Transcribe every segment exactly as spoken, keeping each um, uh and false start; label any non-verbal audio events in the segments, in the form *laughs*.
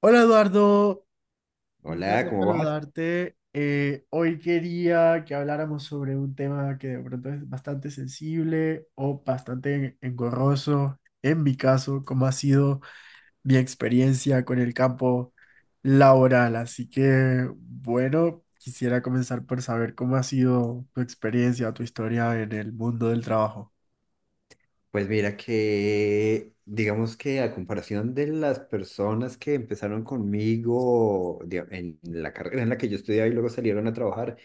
Hola, Eduardo, un Hola, placer ¿cómo vas? saludarte. Eh, hoy quería que habláramos sobre un tema que de pronto es bastante sensible o bastante engorroso, en mi caso, como ha sido mi experiencia con el campo laboral. Así que, bueno, quisiera comenzar por saber cómo ha sido tu experiencia, tu historia en el mundo del trabajo. Pues mira que, digamos que a comparación de las personas que empezaron conmigo diga- en la carrera en la que yo estudiaba y luego salieron a trabajar,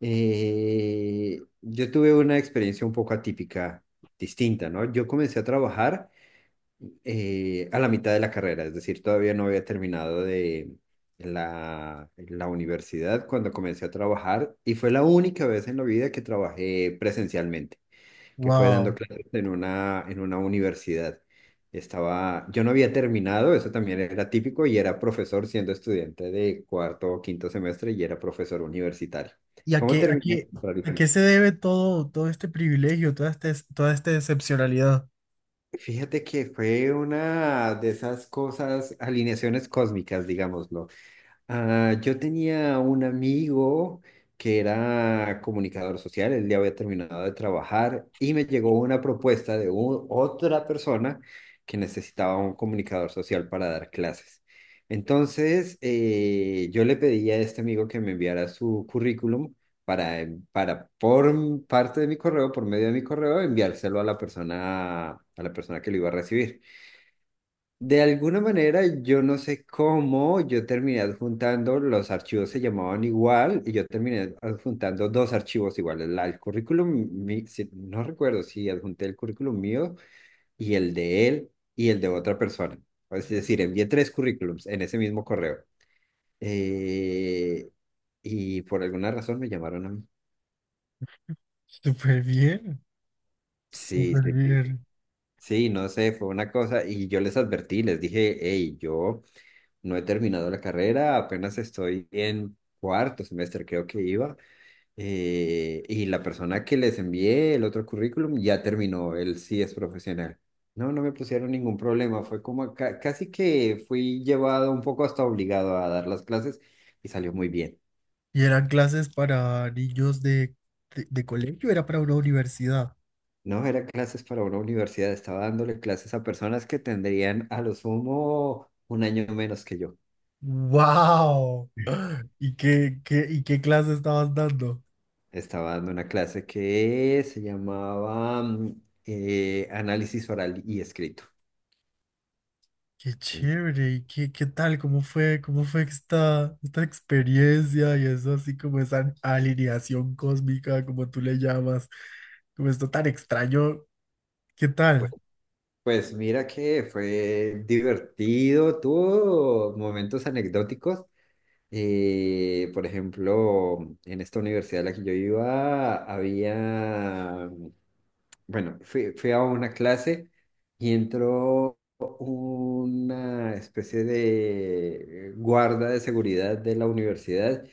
eh, yo tuve una experiencia un poco atípica, distinta, ¿no? Yo comencé a trabajar eh, a la mitad de la carrera, es decir, todavía no había terminado de la, la universidad cuando comencé a trabajar y fue la única vez en la vida que trabajé presencialmente. Que fue dando Wow. clases en una, en una universidad. Estaba, yo no había terminado, eso también era típico, y era profesor siendo estudiante de cuarto o quinto semestre y era profesor universitario. ¿Y a ¿Cómo qué, a terminé? qué, a Rarísimo. qué se debe todo, todo este privilegio, toda este, toda esta excepcionalidad? Fíjate que fue una de esas cosas, alineaciones cósmicas, digámoslo. Ah, yo tenía un amigo que era comunicador social, él ya había terminado de trabajar y me llegó una propuesta de u- otra persona que necesitaba un comunicador social para dar clases. Entonces, eh, yo le pedí a este amigo que me enviara su currículum para, en- para por m- parte de mi correo, por medio de mi correo, enviárselo a la persona, a la persona que lo iba a recibir. De alguna manera, yo no sé cómo, yo terminé adjuntando, los archivos se llamaban igual y yo terminé adjuntando dos archivos iguales, la- el currículum, mi- si- no recuerdo si adjunté el currículum mío y el de él y el de otra persona. Es decir, envié tres currículums en ese mismo correo. Eh, y por alguna razón me llamaron a mí. Súper bien, Sí, súper sí, sí. bien. Sí, no sé, fue una cosa y yo les advertí, les dije, hey, yo... No he terminado la carrera, apenas estoy en cuarto semestre, creo que iba. Eh, y la persona que les envié el otro currículum ya terminó, él sí es profesional. No, no me pusieron ningún problema, fue como ca- casi que fui llevado un poco hasta obligado a dar las clases y salió muy bien. ¿Y eran clases para niños de, de, de colegio? ¿Era para una universidad? No eran clases para una universidad, estaba dándole clases a personas que tendrían a lo sumo un año menos que yo. ¡Wow! ¿Y qué, qué, y qué clase estabas dando? Estaba dando una clase que se llamaba mm, eh, Análisis Oral y Escrito. ¡Qué En- chévere! ¿Y qué, qué tal? ¿Cómo fue, cómo fue esta, esta experiencia y eso así como esa alineación cósmica, como tú le llamas, como esto tan extraño? ¿Qué Pues tal? pues mira que fue divertido, tuvo momentos anecdóticos. Eh, por ejemplo, en esta universidad a la que yo iba, había, bueno, fui, fui a una clase y entró una especie de guarda de seguridad de la universidad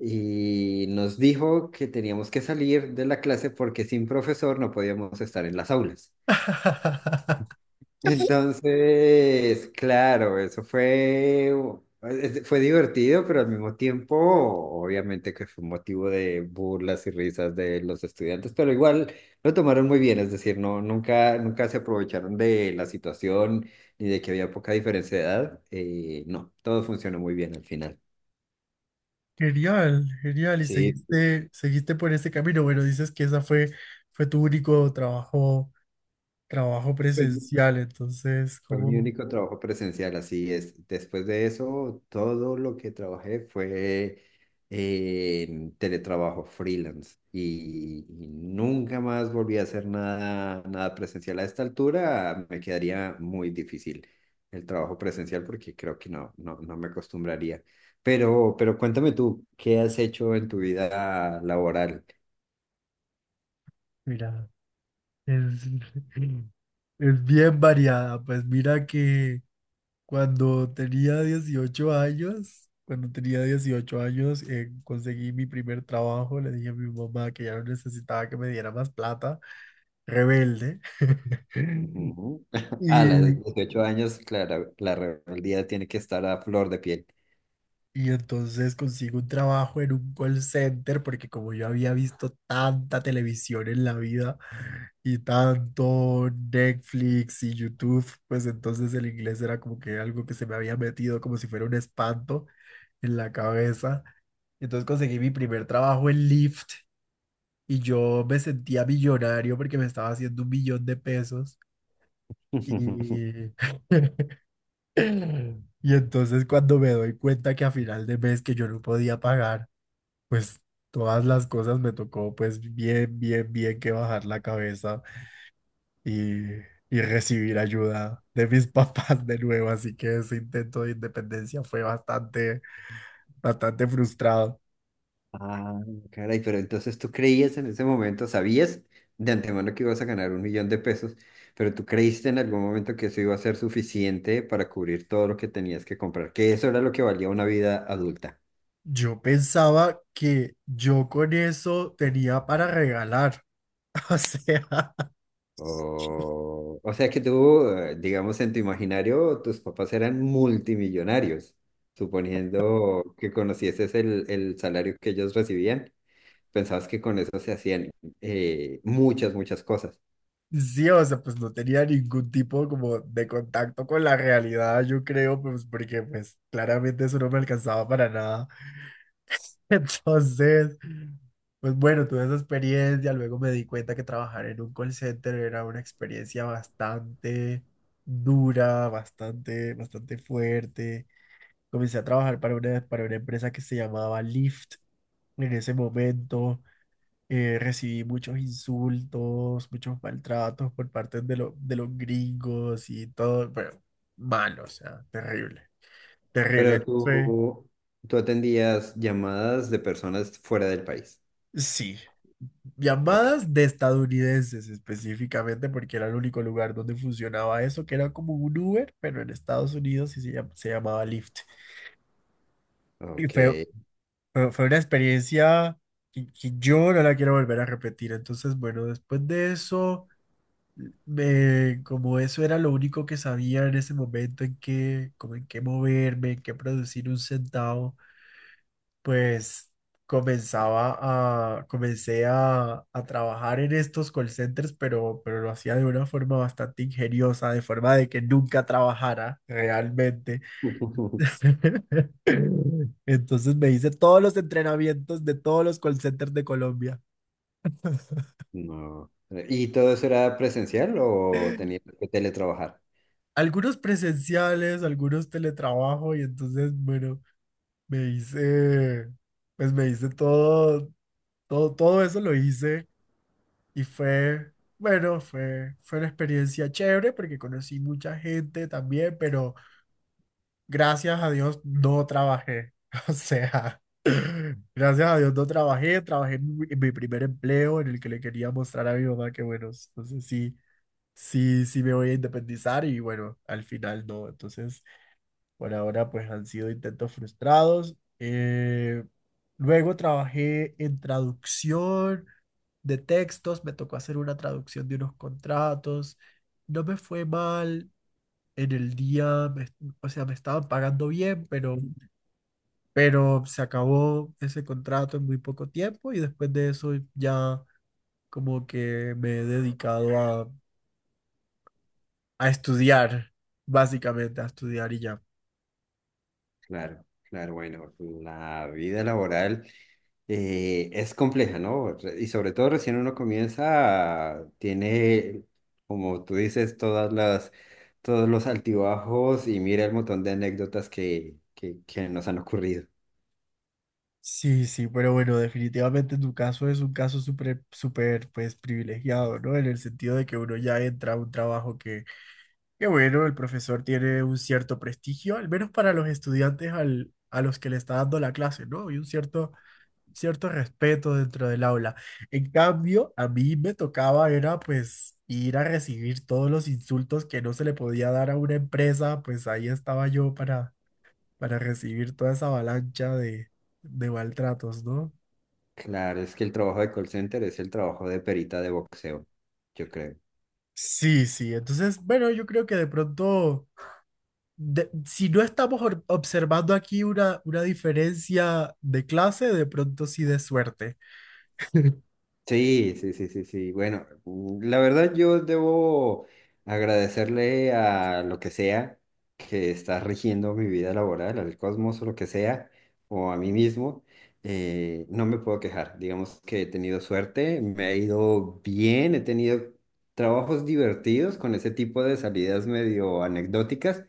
y nos dijo que teníamos que salir de la clase porque sin profesor no podíamos estar en las aulas. *laughs* Entonces, claro, eso fue, es- fue divertido, pero al mismo tiempo, obviamente que fue un motivo de burlas y risas de los estudiantes, pero igual lo tomaron muy bien, es decir, no, nunca, nunca se aprovecharon de la situación ni de que había poca diferencia de edad. Eh, no, todo funcionó muy bien al final. Genial, genial. Y Sí. seguiste, seguiste por ese camino. Bueno, dices que esa fue, fue tu único trabajo, trabajo Sí. presencial. Entonces, Fue mi como, único trabajo presencial, así es. Después de eso, todo lo que trabajé fue en teletrabajo freelance y, y nunca más volví a hacer nada, nada presencial. A esta altura me quedaría muy difícil el trabajo presencial porque creo que no, no, no me acostumbraría. Pero, pero cuéntame tú, ¿qué has hecho en tu vida laboral? mira, es, *laughs* es bien variada. Pues mira que cuando tenía dieciocho años, cuando tenía dieciocho años, eh, conseguí mi primer trabajo. Le dije a mi mamá que ya no necesitaba que me diera más plata. Rebelde. *laughs* Ujú. *laughs* A Y, los dieciocho años, claro, la rebeldía tiene que estar a flor de piel. Y entonces consigo un trabajo en un call center porque como yo había visto tanta televisión en la vida y tanto Netflix y YouTube, pues entonces el inglés era como que algo que se me había metido como si fuera un espanto en la cabeza. Entonces conseguí mi primer trabajo en Lyft y yo me sentía millonario porque me estaba haciendo un millón de pesos. *laughs* Y, *laughs* y entonces cuando me doy cuenta que a final de mes que yo no podía pagar pues todas las cosas me tocó pues bien, bien, bien que bajar la cabeza y, y recibir ayuda de mis *laughs* papás de nuevo, así que ese intento de independencia fue bastante, bastante frustrado. Ah, caray, pero entonces tú creías en ese momento, sabías de antemano que ibas a ganar un millón de pesos, pero tú creíste en algún momento que eso iba a ser suficiente para cubrir todo lo que tenías que comprar, que eso era lo que valía una vida adulta. Yo pensaba que yo con eso tenía para regalar. *laughs* O sea, O, o sea que tú, eh, digamos, en tu imaginario, tus papás eran multimillonarios, suponiendo que conocieses el, el salario que ellos recibían, pensabas que con eso se hacían eh, muchas, muchas cosas. sí, o sea, pues no tenía ningún tipo como de contacto con la realidad, yo creo, pues porque pues claramente eso no me alcanzaba para nada. *laughs* Entonces, pues bueno, tuve esa experiencia, luego me di cuenta que trabajar en un call center era una experiencia bastante dura, bastante, bastante fuerte. Comencé a trabajar para una, para una empresa que se llamaba Lyft. En ese momento eh, recibí muchos insultos, muchos maltratos por parte de, lo- de los gringos y todo, pero malo, o sea, terrible, terrible. Pero Fue- tú, tú atendías llamadas de personas fuera del país. Sí, Ok, llamadas de estadounidenses específicamente, porque era el único lugar donde funcionaba eso, que era como un Uber, pero en Estados Unidos y se llam- se llamaba Lyft. Y ok. fue, fue, fue una experiencia que, que yo no la quiero volver a repetir. Entonces, bueno, después de eso, me- como eso era lo único que sabía en ese momento en qué, como en qué moverme, en qué producir un centavo, pues comenzaba a, comencé a, a trabajar en estos call centers, pero, pero lo hacía de una forma bastante ingeniosa, de forma de que nunca trabajara realmente. *laughs* *laughs* Entonces me hice todos los entrenamientos de todos los call centers de Colombia. *laughs* No. ¿Y todo eso era presencial o tenías que teletrabajar? Algunos presenciales, algunos teletrabajo y entonces, bueno, me hice, pues me hice todo, todo, todo eso lo hice. Y fue, bueno, fue, fue una experiencia chévere porque conocí mucha gente también, pero gracias a Dios no trabajé. *laughs* O sea, *laughs* gracias a Dios no trabajé, trabajé en mi, en mi primer empleo en el que le quería mostrar a mi mamá que, bueno, entonces sí, sí, sí me voy a independizar y bueno, al final no. Entonces, por ahora pues han sido intentos frustrados. Eh, luego trabajé en traducción de textos, me tocó hacer una traducción de unos contratos, no me fue mal, en el día, me- o sea, me estaban pagando bien, pero, pero se acabó ese contrato en muy poco tiempo y después de eso ya como que me he dedicado a, a estudiar, básicamente a estudiar y ya. Claro, claro, bueno, la vida laboral eh, es compleja, ¿no? Re- Y sobre todo recién uno comienza, tiene, como tú dices, todas las, todos los altibajos y mira el montón de anécdotas que, que, que nos han ocurrido. Sí, sí, pero bueno, definitivamente tu caso es un caso súper, súper, pues privilegiado, ¿no? En el sentido de que uno ya entra a un trabajo que... Qué bueno, el profesor tiene un cierto prestigio, al menos para los estudiantes al- a los que le está dando la clase, ¿no? Y un cierto, cierto respeto dentro del aula. En cambio, a mí me tocaba era pues ir a recibir todos los insultos que no se le podía dar a una empresa, pues ahí estaba yo para, para recibir toda esa avalancha de, de maltratos, ¿no? Claro, es que el trabajo de call center es el trabajo de perita de boxeo, yo creo. Sí, sí, entonces, bueno, yo creo que de pronto... de- si no estamos or- observando aquí una, una diferencia de clase, de pronto sí de suerte. Sí, sí, sí, sí, sí. Bueno, mm, la verdad yo debo agradecerle a lo que sea que está rigiendo mi vida laboral, al cosmos o lo que sea, o a mí mismo. Eh, no me puedo quejar. Digamos que he tenido suerte, me ha ido bien, he tenido trabajos divertidos con ese tipo de salidas medio anecdóticas.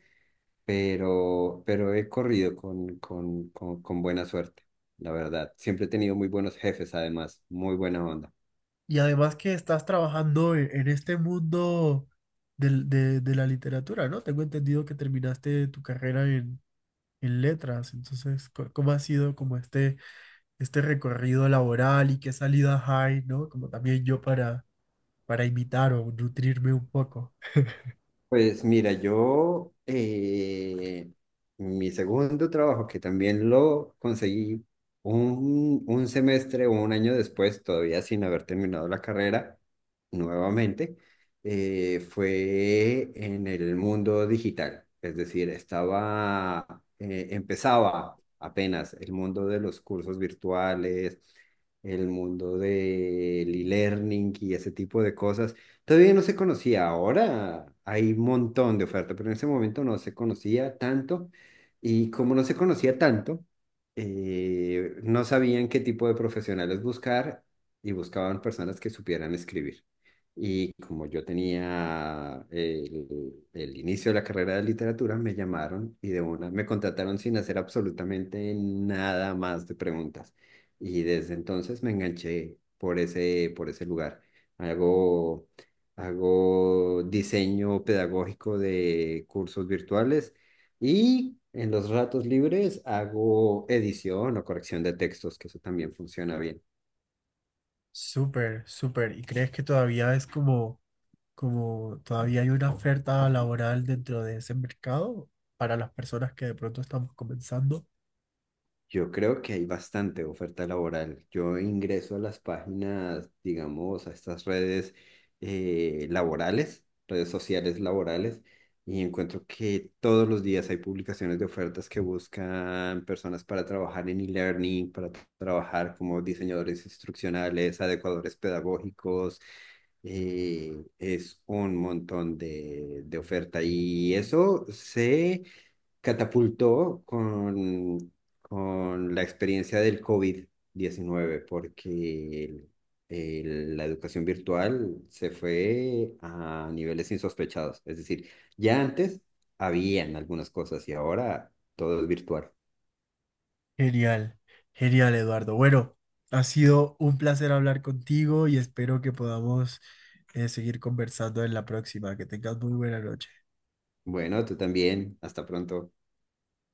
pero, pero he corrido con, con, con, con buena suerte, la verdad. Siempre he tenido muy buenos jefes, además, muy buena onda. Y además que estás trabajando en, en este mundo del- de, de la literatura, ¿no? Tengo entendido que terminaste tu carrera en, en letras, entonces, co- ¿cómo ha sido como este, este recorrido laboral y qué salidas hay, ¿no? Como también yo para, para imitar o nutrirme un poco. Pues mira, yo, eh, mi segundo trabajo, que también lo conseguí un, un semestre o un año después, todavía sin haber terminado la carrera, nuevamente, eh, fue en el mundo digital. Es decir, estaba, eh, empezaba apenas el mundo de los cursos virtuales, el mundo del e-learning y ese tipo de cosas. Todavía no se conocía, ahora hay un montón de oferta, pero en ese momento no se conocía tanto y como no se conocía tanto, eh, no sabían qué tipo de profesionales buscar y buscaban personas que supieran escribir. Y como yo tenía el, el inicio de la carrera de literatura, me llamaron y de una me contrataron sin hacer absolutamente nada más de preguntas. Y desde entonces me enganché por ese, por ese lugar. Hago Hago diseño pedagógico de cursos virtuales y en los ratos libres hago edición o corrección de textos, que eso también funciona bien. Súper, súper. ¿Y crees que todavía es como... como todavía hay una oferta laboral dentro de ese mercado para las personas que de pronto estamos comenzando? Yo creo que hay bastante oferta laboral. Yo ingreso a las páginas, digamos, a estas redes eh, laborales, redes sociales laborales, y encuentro que todos los días hay publicaciones de ofertas que buscan personas para trabajar en e-learning, para tra- trabajar como diseñadores instruccionales, adecuadores pedagógicos. eh, es un montón de, de oferta y eso se catapultó con, con la experiencia del covid diecinueve porque el- el- la educación virtual se fue a niveles insospechados. Es decir, ya antes habían algunas cosas y ahora todo es virtual. Genial, genial, Eduardo. Bueno, ha sido un placer hablar contigo y espero que podamos eh, seguir conversando en la próxima. Que tengas muy buena noche. Bueno, tú también. Hasta pronto.